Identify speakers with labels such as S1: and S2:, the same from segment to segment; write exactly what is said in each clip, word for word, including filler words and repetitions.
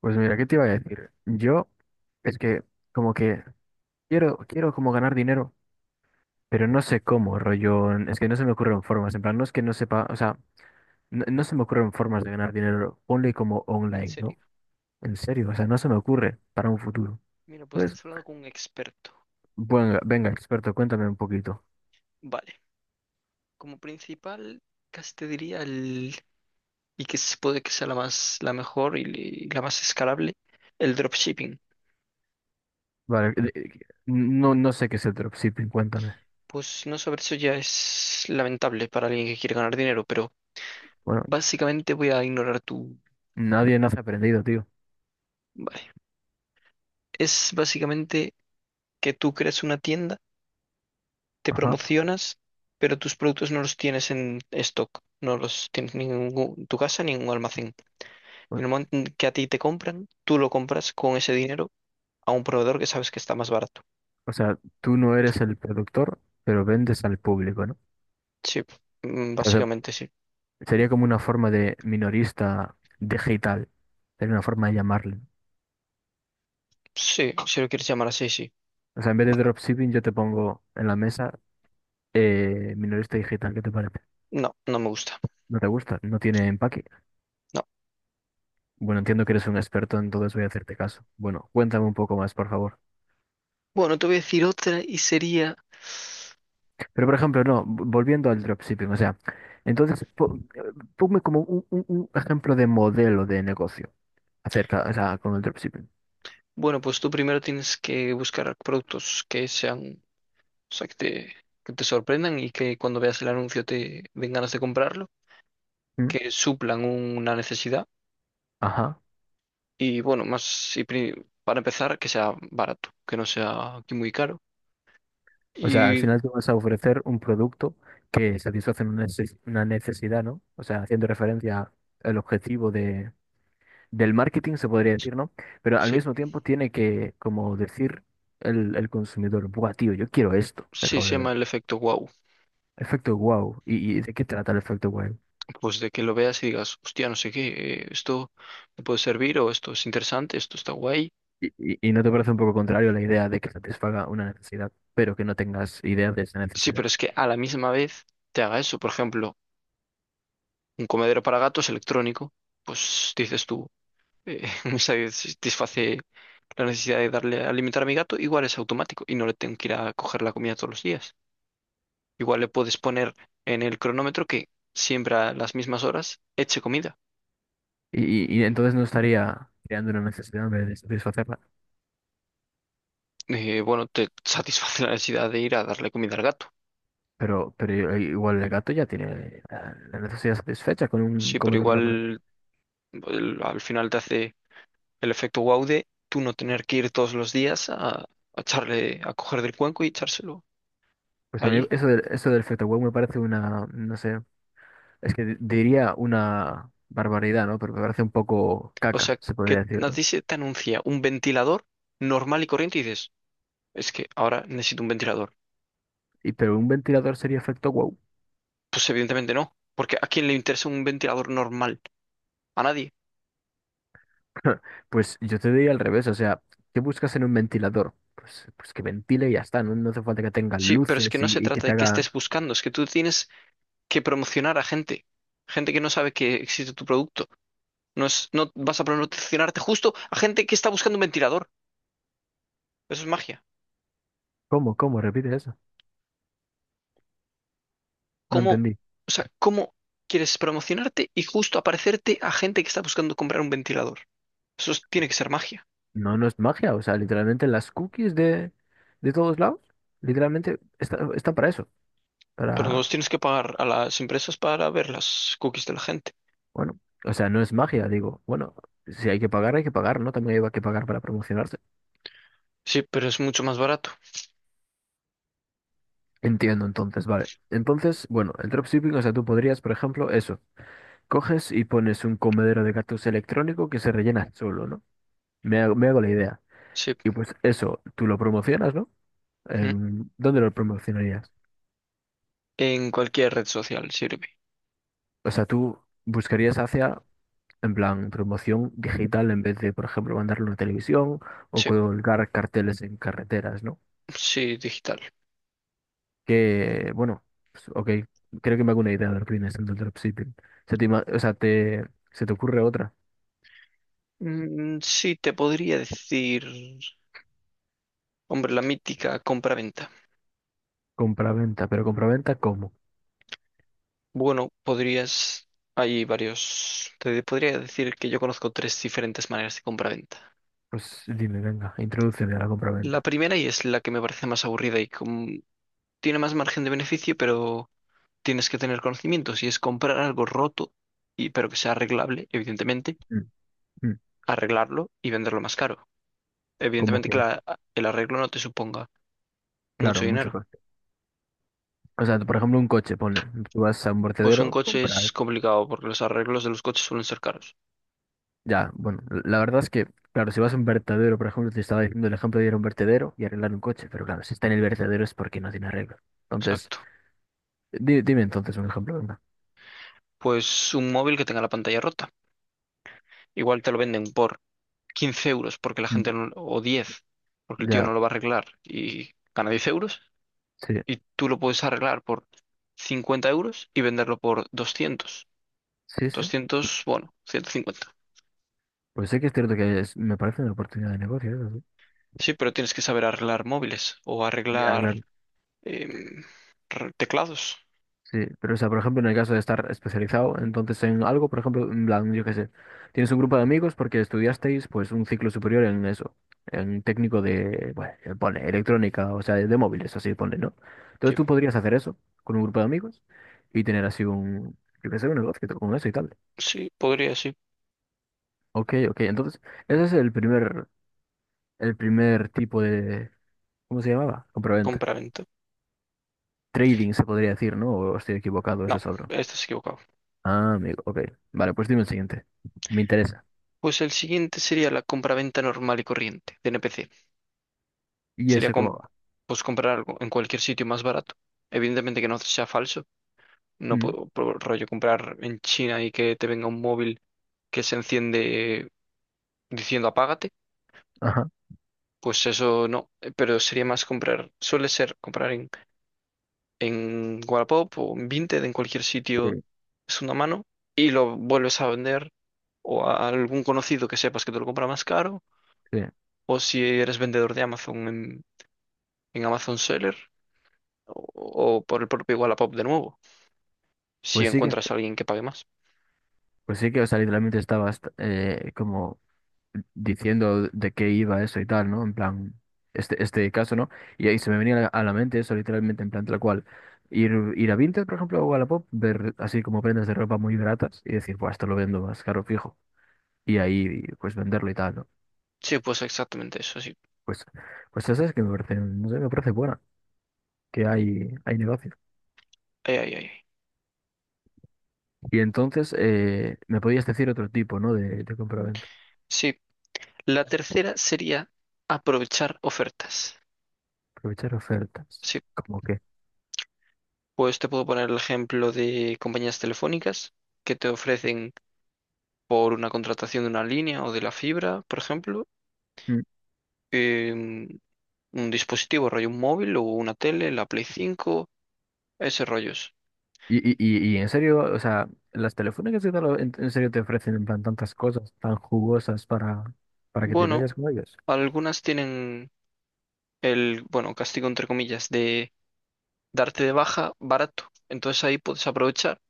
S1: Pues mira, ¿qué te iba a decir? Yo es que como que quiero, quiero como ganar dinero, pero no sé cómo, rollo, en- es que no se me ocurren formas, en plan, no es que no sepa, o sea, no, no se me ocurren formas de ganar dinero, only como
S2: ¿En
S1: online,
S2: serio?
S1: ¿no? En serio, o sea, no se me ocurre para un futuro.
S2: Mira, pues
S1: Pues,
S2: estás hablando con un experto.
S1: bueno, venga, experto, cuéntame un poquito.
S2: Vale. Como principal, casi te diría el... y que se puede que sea la más, la mejor y, li- la más escalable, el dropshipping.
S1: Vale, de- de- no, no sé qué es el dropshipping, cuéntame.
S2: Pues no saber eso ya es lamentable para alguien que quiere ganar dinero, pero
S1: Bueno,
S2: básicamente voy a ignorar tu...
S1: nadie nace aprendido, tío.
S2: Vale. Es básicamente que tú creas una tienda, te
S1: Ajá.
S2: promocionas, pero tus productos no los tienes en stock, no los tienes ni en ningún- tu casa ni en un almacén.
S1: O
S2: En el momento en que a ti te compran, tú lo compras con ese dinero a un proveedor que sabes que está más barato.
S1: o sea, tú no eres el productor, pero vendes al público, ¿no?
S2: Sí, mm, básicamente sí.
S1: Sería como una forma de minorista digital. Sería una forma de llamarle.
S2: Sí, si lo quieres llamar así, sí.
S1: O sea, en vez de dropshipping, yo te pongo en la mesa eh, minorista digital. ¿Qué te parece?
S2: No, no me gusta.
S1: ¿No te gusta? ¿No tiene empaque?
S2: No.
S1: Bueno, entiendo que eres un experto, entonces voy a hacerte caso. Bueno, cuéntame un poco más, por favor.
S2: Bueno, te voy a decir otra y sería,
S1: Pero, por ejemplo, no, v- volviendo al dropshipping, o sea, entonces, po- eh, ponme como un, un- un ejemplo de modelo de negocio acerca, o sea, con el dropshipping.
S2: bueno, pues tú primero tienes que buscar productos que sean, o sea, que te, que te sorprendan y que cuando veas el anuncio te den ganas de comprarlo,
S1: ¿Mm?
S2: que suplan un- una necesidad
S1: Ajá.
S2: y bueno, más, y pri- para empezar, que sea barato, que no sea aquí muy caro.
S1: O sea, al
S2: Y
S1: final tú vas a ofrecer un producto que satisface una neces- una necesidad, ¿no? O sea, haciendo referencia al objetivo de, del marketing, se podría decir, ¿no? Pero al
S2: sí.
S1: mismo tiempo tiene que, como decir el, el consumidor, buah, tío, yo quiero esto, que
S2: Sí,
S1: acabo de
S2: se llama
S1: ver.
S2: el efecto wow.
S1: Efecto wow. ¿Y, y de qué trata el efecto wow?
S2: Pues de que lo veas y digas, hostia, no sé qué, eh, esto me puede servir o esto es interesante, esto está guay.
S1: Y, y, y no te parece un poco contrario la idea de que satisfaga una necesidad, pero que no tengas idea de esa
S2: Sí,
S1: necesidad?
S2: pero es que a la misma vez te haga eso. Por ejemplo, un comedero para gatos electrónico, pues dices tú, eh, me satisface la necesidad de darle a alimentar a mi gato, igual es automático y no le tengo que ir a coger la comida todos los días. Igual le puedes poner en el cronómetro que siempre a las mismas horas eche comida.
S1: Y, y, y entonces no estaría creando una necesidad en vez de satisfacerla.
S2: Eh, bueno, te satisface la necesidad de ir a darle comida al gato.
S1: Pero, pero igual el gato ya tiene la la necesidad satisfecha con un
S2: Sí, pero
S1: comedor normal.
S2: igual el- al final te hace el efecto wow de tú no tener que ir todos los días a, a echarle, a coger del cuenco y echárselo
S1: Pues a mí
S2: allí.
S1: eso del, eso del Fetaway me parece una, no sé, es que di- diría una barbaridad, ¿no? Pero me parece un poco
S2: O sea,
S1: caca, se
S2: que
S1: podría decir,
S2: a
S1: ¿no?
S2: ti se te anuncia un ventilador normal y corriente y dices, es que ahora necesito un ventilador.
S1: Y pero un ventilador sería efecto wow.
S2: Pues evidentemente no, porque ¿a quién le interesa un ventilador normal? A nadie.
S1: Pues yo te diría al revés, o sea, ¿qué buscas en un ventilador? Pues, pues que ventile y ya está, no, no hace falta que tenga
S2: Sí, pero es que
S1: luces
S2: no se
S1: y, y que
S2: trata
S1: te
S2: de que
S1: haga.
S2: estés buscando, es que tú tienes que promocionar a gente, gente que no sabe que existe tu producto. No es, no vas a promocionarte justo a gente que está buscando un ventilador. Eso es magia.
S1: ¿Cómo? ¿Cómo? Repite eso. No
S2: ¿Cómo,
S1: entendí.
S2: o sea, cómo quieres promocionarte y justo aparecerte a gente que está buscando comprar un ventilador? Eso es- tiene que ser magia.
S1: No, no es magia, o sea, literalmente las cookies de, de todos lados, literalmente está, está para eso,
S2: Pero no
S1: para,
S2: los tienes que pagar a las empresas para ver las cookies de la gente.
S1: bueno, o sea, no es magia, digo, bueno, si hay que pagar, hay que pagar, ¿no? También hay que pagar para promocionarse.
S2: Sí, pero es mucho más barato.
S1: Entiendo, entonces, vale. Entonces, bueno, el dropshipping, o sea, tú podrías, por ejemplo, eso, coges y pones un comedero de gatos electrónico que se rellena solo, ¿no? Me hago, me hago la idea.
S2: Sí.
S1: Y pues eso, tú lo promocionas, ¿no?
S2: Mm.
S1: En- ¿dónde lo promocionarías?
S2: En cualquier red social sirve.
S1: O sea, tú buscarías hacia en plan, promoción digital en vez de, por ejemplo, mandarlo en la televisión o
S2: Sí,
S1: colgar carteles en carreteras, ¿no?
S2: sí, digital.
S1: Que, bueno, pues, ok, creo que me hago una idea de lo que viene siendo el dropshipping. Se te, ima- o sea, te, se te ocurre otra,
S2: Mm, sí, te podría decir, hombre, la mítica compra-venta.
S1: compraventa, pero compraventa, ¿cómo?
S2: Bueno, podrías, hay varios, te podría decir que yo conozco tres diferentes maneras de compra-venta.
S1: Pues dime, venga, introdúceme a la
S2: La
S1: compraventa.
S2: primera y es la que me parece más aburrida y con- tiene más margen de beneficio, pero tienes que tener conocimientos y es comprar algo roto y pero que sea arreglable, evidentemente,
S1: Mm, mm.
S2: arreglarlo y venderlo más caro.
S1: ¿Cómo
S2: Evidentemente
S1: que?
S2: que la- el arreglo no te suponga mucho
S1: Claro, mucho
S2: dinero.
S1: coste. O sea, por ejemplo, un coche, pone, tú vas a un
S2: Pues un
S1: vertedero,
S2: coche es
S1: compras.
S2: complicado porque los arreglos de los coches suelen ser caros.
S1: Ya, bueno, la verdad es que, claro, si vas a un vertedero, por ejemplo, te estaba diciendo el ejemplo de ir a un vertedero y arreglar un coche, pero claro, si está en el vertedero es porque no tiene arreglo. Entonces,
S2: Exacto.
S1: di- dime entonces un ejemplo, venga.
S2: Pues un móvil que tenga la pantalla rota. Igual te lo venden por quince euros porque la
S1: Mm.
S2: gente no- o diez, porque el tío
S1: Ya,
S2: no lo va a arreglar y gana diez euros,
S1: sí,
S2: y tú lo puedes arreglar por cincuenta euros y venderlo por doscientos,
S1: sí, sí.
S2: doscientos, bueno, ciento cincuenta.
S1: Pues sí que es cierto que es- me parece una oportunidad de negocio, eso sí.
S2: Sí, pero tienes que saber arreglar móviles o
S1: Ya,
S2: arreglar
S1: claro.
S2: em, re- teclados.
S1: Sí, pero o sea, por ejemplo, en el caso de estar especializado, entonces en algo, por ejemplo, en plan, yo qué sé, tienes un grupo de amigos porque estudiasteis pues un ciclo superior en eso, en técnico de, bueno, eh, pone electrónica, o sea, de, de móviles, así pone, ¿no? Entonces
S2: Sí,
S1: tú podrías hacer eso con un grupo de amigos y tener así un, yo qué sé, un negocio con eso y tal.
S2: sí, podría, sí.
S1: Ok, ok, entonces ese es el primer, el primer tipo de, ¿cómo se llamaba? Compraventa.
S2: Compraventa.
S1: Trading se podría decir, ¿no? O estoy equivocado, ese
S2: No,
S1: es otro.
S2: estás equivocado.
S1: Ah, amigo, ok. Vale, pues dime el siguiente. Me interesa.
S2: Pues el siguiente sería la compraventa normal y corriente de N P C.
S1: ¿Y
S2: Sería
S1: eso
S2: com-
S1: cómo va?
S2: pues comprar algo en cualquier sitio más barato. Evidentemente que no sea falso. No
S1: Mm.
S2: puedo, por rollo comprar en China y que te venga un móvil que se enciende diciendo apágate,
S1: Ajá.
S2: pues eso no, eh, pero sería más comprar, suele ser comprar en, en Wallapop o en Vinted, en cualquier sitio,
S1: Sí,
S2: es una mano, y lo vuelves a vender o a algún conocido que sepas que te lo compra más caro,
S1: sí.
S2: o si eres vendedor de Amazon en, en Amazon Seller, o, o por el propio Wallapop de nuevo, si
S1: Pues sí que,
S2: encuentras a alguien que pague más.
S1: pues sí que, o sea, literalmente estabas eh, como diciendo de qué iba eso y tal, ¿no? En plan, este, este caso, ¿no? Y ahí se me venía a la a la mente eso, literalmente, en plan tal cual. Ir, ir a Vinted, por ejemplo, o a Wallapop, ver así como prendas de ropa muy baratas y decir, pues esto lo vendo más caro fijo. Y ahí, pues venderlo y tal, ¿no?
S2: Sí, pues exactamente eso, sí.
S1: Pues, pues eso es que me parece, no sé, me parece buena, que hay, hay negocio.
S2: Ay, ay, ay, ay.
S1: Y entonces eh, me podías decir otro tipo, ¿no? De, de compra
S2: Sí, la tercera sería aprovechar ofertas.
S1: aprovechar ofertas.
S2: Sí,
S1: ¿Cómo qué?
S2: pues te puedo poner el ejemplo de compañías telefónicas que te ofrecen por una contratación de una línea o de la fibra, por ejemplo,
S1: Mm.
S2: em, un dispositivo, rollo un móvil o una tele, la Play cinco, ese rollos.
S1: Y, y, y, y en serio, o sea, las telefónicas y tal, en, en serio te ofrecen en plan tantas cosas tan jugosas para, para que te
S2: Bueno,
S1: vayas con ellos.
S2: algunas tienen el, bueno, castigo entre comillas de darte de baja barato. Entonces ahí puedes aprovechar,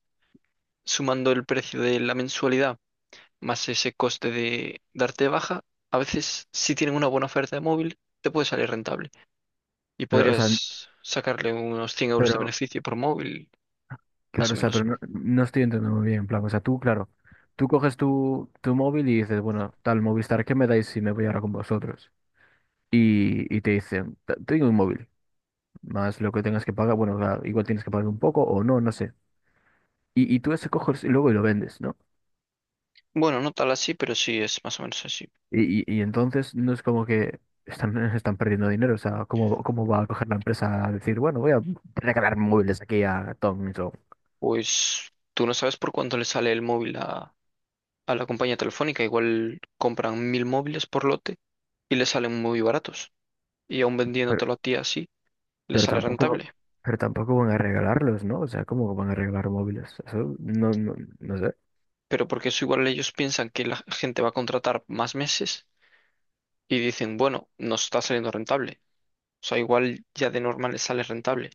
S2: sumando el precio de la mensualidad más ese coste de darte de baja, a veces si tienen una buena oferta de móvil, te puede salir rentable. Y
S1: Pero, o sea, n-
S2: podrías sacarle unos cien euros de
S1: pero,
S2: beneficio por móvil, más
S1: claro,
S2: o
S1: o sea, pero
S2: menos.
S1: no, no estoy entendiendo muy bien, en plan, o sea, tú, claro, tú coges tu, tu móvil y dices, bueno, tal Movistar, ¿qué me dais si me voy ahora con vosotros? Y, y te dicen, "Te- tengo un móvil, más lo que tengas que pagar, bueno, o sea, igual tienes que pagar un poco o no, no sé. Y, y tú ese coges y luego y lo vendes, ¿no?
S2: Bueno, no tal así, pero sí es más o menos así.
S1: Y, y, y entonces no es como que están, están perdiendo dinero. O sea, ¿cómo, cómo va a coger la empresa a decir, bueno, voy a regalar móviles aquí a Tom y Joe?
S2: Pues tú no sabes por cuánto le sale el móvil a, a la compañía telefónica. Igual compran mil móviles por lote y le salen muy baratos. Y aún
S1: Pero,
S2: vendiéndotelo a ti así, le
S1: pero
S2: sale
S1: tampoco,
S2: rentable.
S1: pero tampoco van a regalarlos, ¿no? O sea, ¿cómo van a regalar móviles? Eso no, no, no sé.
S2: Pero porque eso igual ellos piensan que la gente va a contratar más meses y dicen, bueno, nos está saliendo rentable. O sea, igual ya de normal le sale rentable.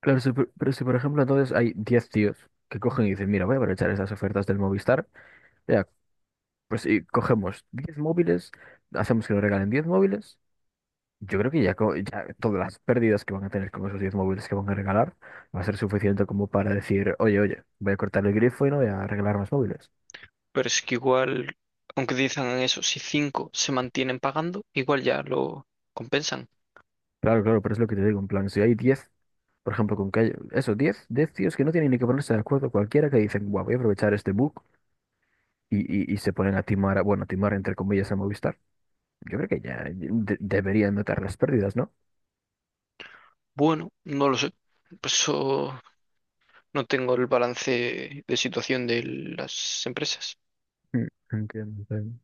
S1: Claro, si por- pero si por ejemplo entonces hay diez tíos que cogen y dicen, mira, voy a aprovechar esas ofertas del Movistar, ya, pues y cogemos diez móviles, hacemos que nos regalen diez móviles. Yo creo que ya, co- ya todas las pérdidas que van a tener con esos diez móviles que van a regalar va a ser suficiente como para decir, oye, oye, voy a cortar el grifo y no voy a regalar más móviles.
S2: Pero es que igual, aunque dicen eso, si cinco se mantienen pagando, igual ya lo compensan.
S1: Claro, claro, pero es lo que te digo, en plan, si hay diez por ejemplo, con que hay, eso, diez 10 tíos que no tienen ni que ponerse de acuerdo cualquiera que dicen, guau, voy a aprovechar este bug y, y, y se ponen a timar, a- bueno, a timar entre comillas a Movistar, yo creo que ya de- deberían notar las pérdidas, ¿no?
S2: Bueno, no lo sé. Por eso no tengo el balance de situación de las empresas.
S1: Mm. Entiendo, entiendo.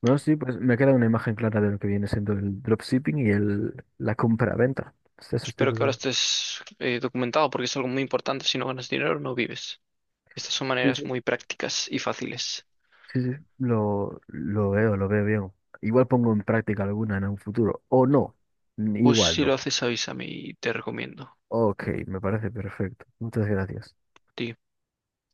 S1: Bueno, sí, pues me queda una imagen clara de lo que viene siendo el dropshipping y el, la compra-venta.
S2: Pues
S1: Esos
S2: espero
S1: tipos
S2: que ahora
S1: de-
S2: estés eh, documentado porque es algo muy importante. Si no ganas dinero, no vives. Estas son
S1: sí,
S2: maneras
S1: sí,
S2: muy prácticas y fáciles.
S1: sí, sí, lo, lo veo, lo veo bien. Igual pongo en práctica alguna en un futuro, o no,
S2: Pues
S1: igual
S2: si lo
S1: no.
S2: haces, avísame y te recomiendo. A
S1: Ok, me parece perfecto. Muchas gracias.